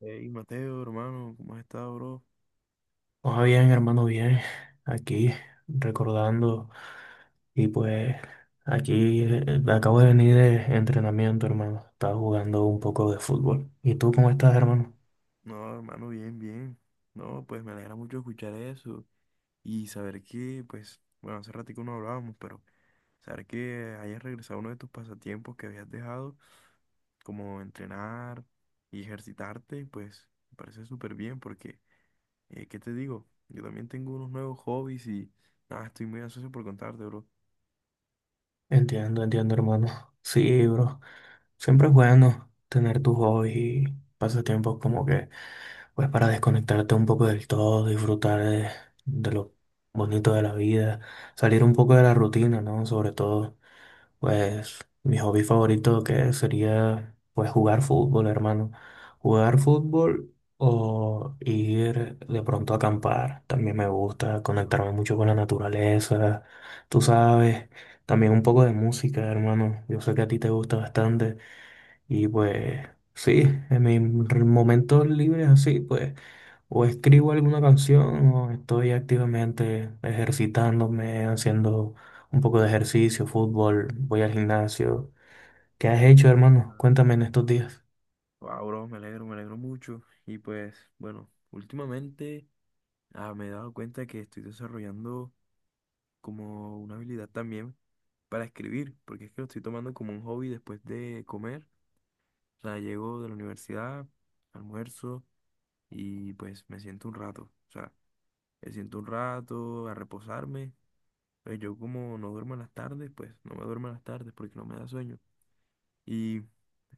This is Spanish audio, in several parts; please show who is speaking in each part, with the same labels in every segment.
Speaker 1: Hey, Mateo, hermano, ¿cómo has estado, bro?
Speaker 2: Ah, bien, hermano, bien. Aquí recordando y pues aquí acabo de venir de entrenamiento, hermano. Estaba jugando un poco de fútbol. ¿Y tú cómo estás, hermano?
Speaker 1: No, hermano, bien, bien. No, pues me alegra mucho escuchar eso y saber que, pues, bueno, hace ratico no hablábamos, pero saber que hayas regresado a uno de tus pasatiempos que habías dejado, como entrenar y ejercitarte, pues, me parece súper bien porque, ¿qué te digo? Yo también tengo unos nuevos hobbies y, nada, estoy muy ansioso por contarte, bro.
Speaker 2: Entiendo, entiendo, hermano. Sí, bro. Siempre es bueno tener tus hobbies y pasatiempos como que pues para desconectarte un poco del todo, disfrutar de lo bonito de la vida, salir un poco de la rutina, ¿no? Sobre todo. Pues mi hobby favorito que sería pues jugar fútbol, hermano. Jugar fútbol o ir de pronto a acampar. También me gusta conectarme mucho con la naturaleza. Tú sabes, también un poco de música, hermano. Yo sé que a ti te gusta bastante. Y pues sí, en mis momentos libres así, pues o escribo alguna canción o estoy activamente ejercitándome, haciendo un poco de ejercicio, fútbol, voy al gimnasio. ¿Qué has hecho, hermano?
Speaker 1: Wow.
Speaker 2: Cuéntame en estos días.
Speaker 1: Wow, bro, me alegro mucho. Y pues, bueno, últimamente me he dado cuenta que estoy desarrollando como una habilidad también para escribir, porque es que lo estoy tomando como un hobby después de comer. O sea, llego de la universidad, almuerzo y pues me siento un rato. O sea, me siento un rato a reposarme. Pues yo como no duermo en las tardes, pues no me duermo en las tardes porque no me da sueño. Y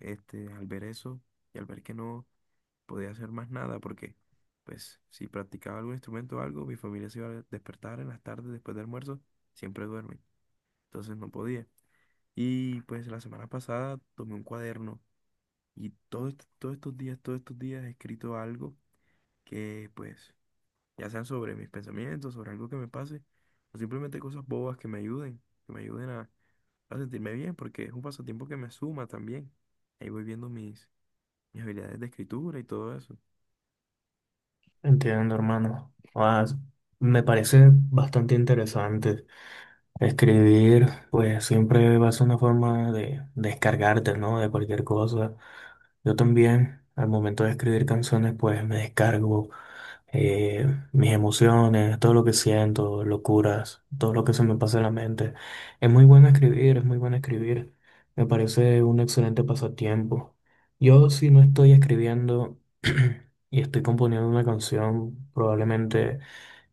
Speaker 1: este, al ver eso y al ver que no podía hacer más nada porque, pues, si practicaba algún instrumento o algo, mi familia se iba a despertar en las tardes después del almuerzo, siempre duermen, entonces no podía. Y pues la semana pasada tomé un cuaderno y todos estos días he escrito algo que, pues, ya sean sobre mis pensamientos, sobre algo que me pase, o simplemente cosas bobas que me ayuden a sentirme bien, porque es un pasatiempo que me suma también. Ahí voy viendo mis, mis habilidades de escritura y todo eso.
Speaker 2: Entiendo, hermano. Ah, me parece bastante interesante. Escribir, pues siempre va a ser una forma de descargarte, ¿no? De cualquier cosa. Yo también, al momento de escribir canciones, pues me descargo eh, mis emociones, todo lo que siento, locuras, todo lo que se me pasa en la mente. Es muy bueno escribir, es muy bueno escribir. Me parece un excelente pasatiempo. Yo, si no estoy escribiendo y estoy componiendo una canción, probablemente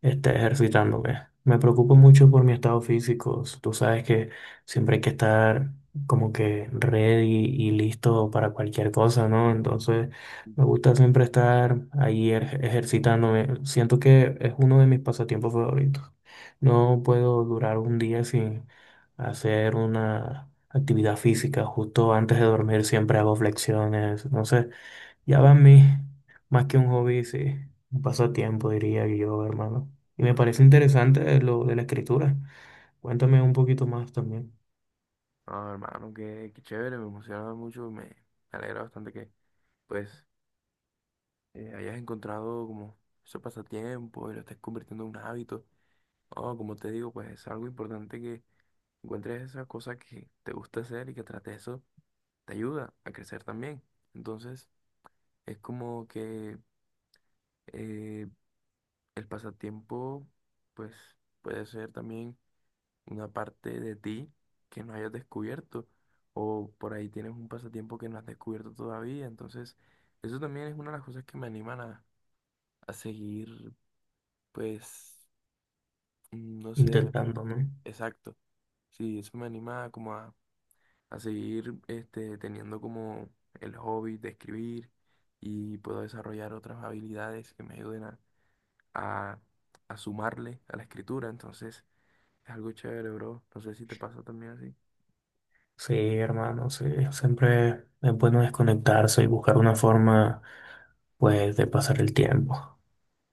Speaker 2: esté ejercitando, ¿ves? Me preocupo mucho por mi estado físico. Tú sabes que siempre hay que estar como que ready y listo para cualquier cosa, ¿no? Entonces, me gusta siempre estar ahí ejercitándome. Siento que es uno de mis pasatiempos favoritos. No puedo durar un día sin hacer una actividad física. Justo antes de dormir siempre hago flexiones, no sé. Ya va a mí, más que un hobby, sí, un pasatiempo, diría yo, hermano. Y me parece interesante lo de la escritura. Cuéntame un poquito más también,
Speaker 1: No, hermano, qué, qué chévere, me emociona mucho, me alegra bastante que pues hayas encontrado como ese pasatiempo y lo estés convirtiendo en un hábito. No, como te digo, pues es algo importante que encuentres esa cosa que te gusta hacer y que tras de eso te ayuda a crecer también. Entonces, es como que eh, el pasatiempo pues puede ser también una parte de ti que no hayas descubierto o por ahí tienes un pasatiempo que no has descubierto todavía. Entonces, eso también es una de las cosas que me animan a seguir, pues, no sé,
Speaker 2: intentándome.
Speaker 1: exacto. Sí, eso me anima como a seguir este, teniendo como el hobby de escribir y puedo desarrollar otras habilidades que me ayuden a, a sumarle a la escritura. Entonces, es algo chévere, bro. No sé si te pasa también así.
Speaker 2: Sí, hermano, sí, siempre es bueno desconectarse y buscar una forma, pues, de pasar el tiempo.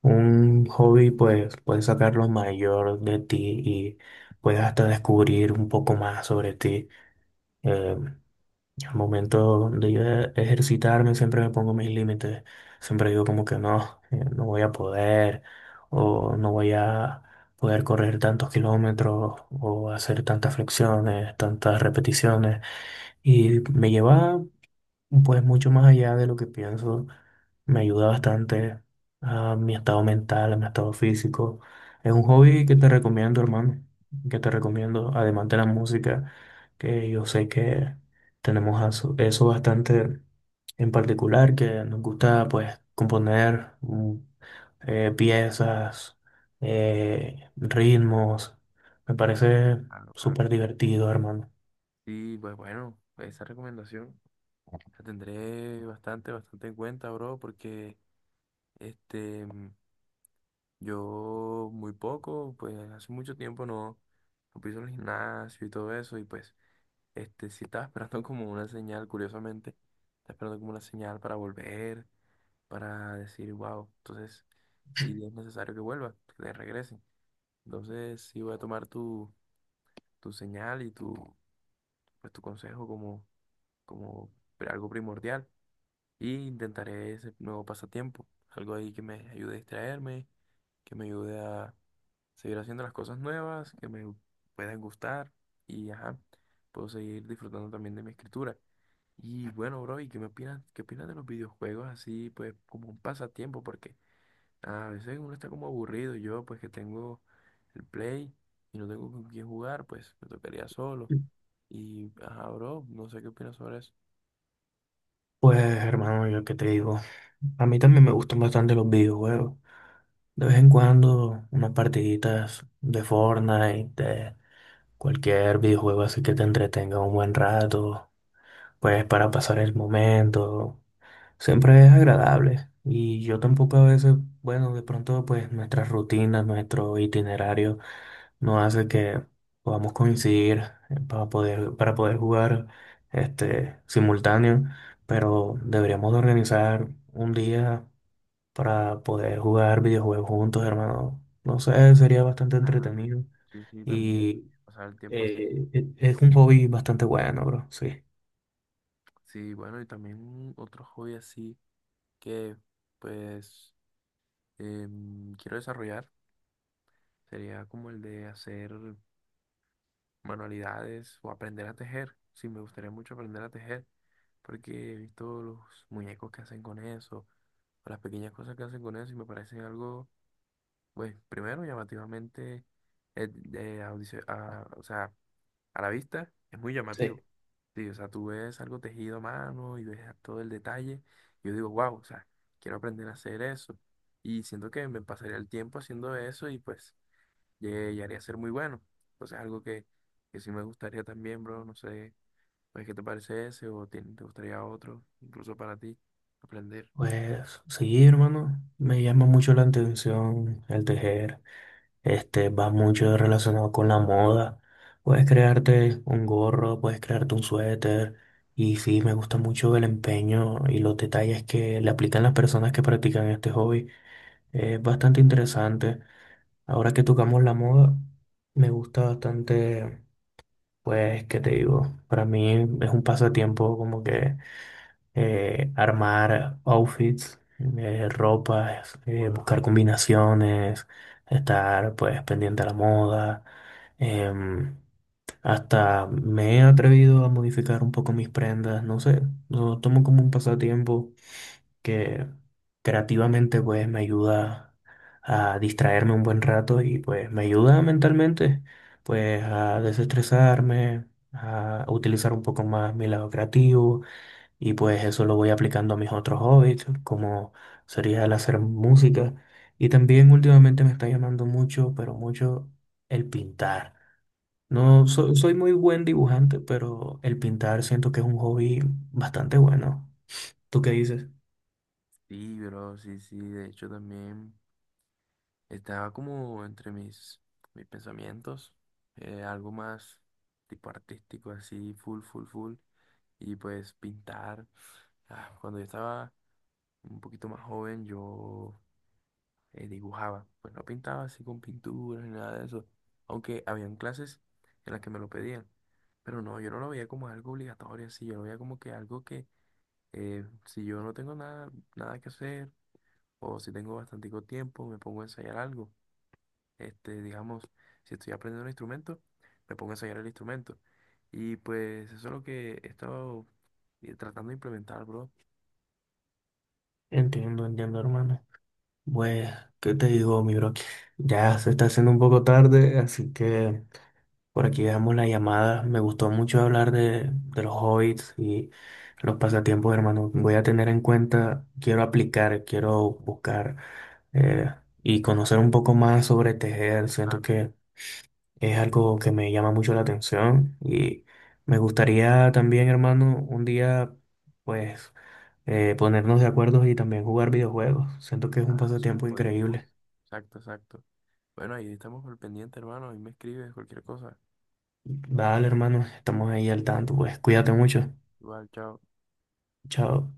Speaker 2: Un hobby, pues, puedes sacar lo mayor de ti y puedes hasta descubrir un poco más sobre ti. eh, Al momento de yo ejercitarme, siempre me pongo mis límites. Siempre digo como que no, no voy a poder, o no voy a poder correr tantos kilómetros, o hacer tantas flexiones, tantas repeticiones. Y me lleva pues mucho más allá de lo que pienso, me ayuda bastante a mi estado mental, a mi estado físico. Es un hobby que te recomiendo, hermano, que te recomiendo, además de la música, que yo sé que tenemos eso bastante en particular, que nos gusta pues componer piezas, ritmos. Me parece
Speaker 1: Claro, claro.
Speaker 2: súper divertido, hermano.
Speaker 1: Sí, pues bueno, esa recomendación la tendré bastante, bastante en cuenta, bro, porque este, mm, yo muy poco, pues hace mucho tiempo no, no piso en el gimnasio y todo eso, y pues este, sí estaba esperando como una señal, curiosamente, estaba esperando como una señal para volver, para decir, wow, entonces sí es necesario que vuelva, que te regrese. Entonces sí voy a tomar tu, tu señal y tu, pues, tu consejo como, como algo primordial. Y intentaré ese nuevo pasatiempo, algo ahí que me ayude a distraerme, que me ayude a seguir haciendo las cosas nuevas, que me puedan gustar y ajá, puedo seguir disfrutando también de mi escritura. Y bueno, bro, ¿y qué me opinas? ¿Qué opinas de los videojuegos así, pues como un pasatiempo? Porque a veces uno está como aburrido. Yo, pues que tengo el Play y no tengo con quién jugar, pues me tocaría solo. Y ajá, bro, no sé qué opinas sobre eso.
Speaker 2: Pues, hermano, yo qué te digo. A mí también me gustan bastante los videojuegos. De vez en cuando, unas partiditas de Fortnite, de cualquier videojuego así que te entretenga un buen rato, pues para pasar el momento. Siempre es agradable. Y yo tampoco a veces, bueno, de pronto pues nuestras rutinas, nuestro itinerario nos hace que podamos coincidir para poder jugar este simultáneo, pero deberíamos de organizar un día para poder jugar videojuegos juntos, hermano. No sé, sería bastante
Speaker 1: Claro,
Speaker 2: entretenido
Speaker 1: sí, sí, también.
Speaker 2: y
Speaker 1: Pasar el tiempo así.
Speaker 2: es un hobby bastante bueno, bro, sí.
Speaker 1: Sí, bueno, y también otro hobby así que pues quiero desarrollar sería como el de hacer manualidades o aprender a tejer. Sí, me gustaría mucho aprender a tejer porque he visto los muñecos que hacen con eso, o las pequeñas cosas que hacen con eso y me parecen algo, pues primero llamativamente, eh, o sea, a la vista es muy llamativo.
Speaker 2: Sí.
Speaker 1: Sí, o sea, tú ves algo tejido a mano y ves todo el detalle. Y yo digo, wow, o sea, quiero aprender a hacer eso. Y siento que me pasaría el tiempo haciendo eso y pues llegaría a ser muy bueno. Entonces, algo que sí me gustaría también, bro. No sé, pues, ¿qué te parece ese o te gustaría otro, incluso para ti, aprender?
Speaker 2: Pues sí, hermano, me llama mucho la atención el tejer. Este va mucho relacionado con la moda. Puedes crearte un gorro, puedes crearte un suéter. Y sí, me gusta mucho el empeño y los detalles que le aplican las personas que practican este hobby. Es bastante interesante. Ahora que tocamos la moda, me gusta bastante, pues, ¿qué te digo? Para mí es un pasatiempo como que armar outfits, ropas,
Speaker 1: Wow,
Speaker 2: buscar combinaciones, estar pues pendiente a la moda. em, Hasta me he atrevido a modificar un poco mis prendas, no sé, lo tomo como un pasatiempo que creativamente pues me ayuda a distraerme un buen rato y pues me ayuda mentalmente pues a desestresarme, a utilizar un poco más mi lado creativo y pues eso lo voy aplicando a mis otros hobbies como sería el hacer música y también últimamente me está llamando mucho, pero mucho el pintar.
Speaker 1: wow.
Speaker 2: No, soy muy buen dibujante, pero el pintar siento que es un hobby bastante bueno. ¿Tú qué dices?
Speaker 1: Sí, bro, sí, sí. De hecho, también. Estaba como entre mis, mis pensamientos, algo más tipo artístico, así, full, full, full. Y pues pintar. Ah, cuando yo estaba un poquito más joven, yo dibujaba. Pues no pintaba así con pinturas ni nada de eso. Aunque habían clases en las que me lo pedían. Pero no, yo no lo veía como algo obligatorio, así. Yo lo veía como que algo que si yo no tengo nada, nada que hacer o si tengo bastante tiempo, me pongo a ensayar algo. Este, digamos, si estoy aprendiendo un instrumento, me pongo a ensayar el instrumento. Y pues eso es lo que he estado tratando de implementar, bro.
Speaker 2: Entiendo, entiendo, hermano. Bueno, ¿qué te digo, mi bro? Ya se está haciendo un poco tarde, así que por aquí dejamos la llamada. Me gustó mucho hablar de los hobbits y los pasatiempos, hermano. Voy a tener en cuenta, quiero aplicar, quiero buscar eh, y conocer un poco más sobre tejer. Siento
Speaker 1: Claro.
Speaker 2: que es algo que me llama mucho la atención y me gustaría también, hermano, un día, pues, ponernos de acuerdo y también jugar videojuegos. Siento que es un
Speaker 1: Ah, sí,
Speaker 2: pasatiempo
Speaker 1: como dijimos.
Speaker 2: increíble.
Speaker 1: Exacto, exacto. Bueno, ahí estamos al pendiente, hermano. Ahí me escribes cualquier cosa.
Speaker 2: Dale, hermano, estamos ahí al tanto, pues cuídate mucho.
Speaker 1: Igual, chao.
Speaker 2: Chao.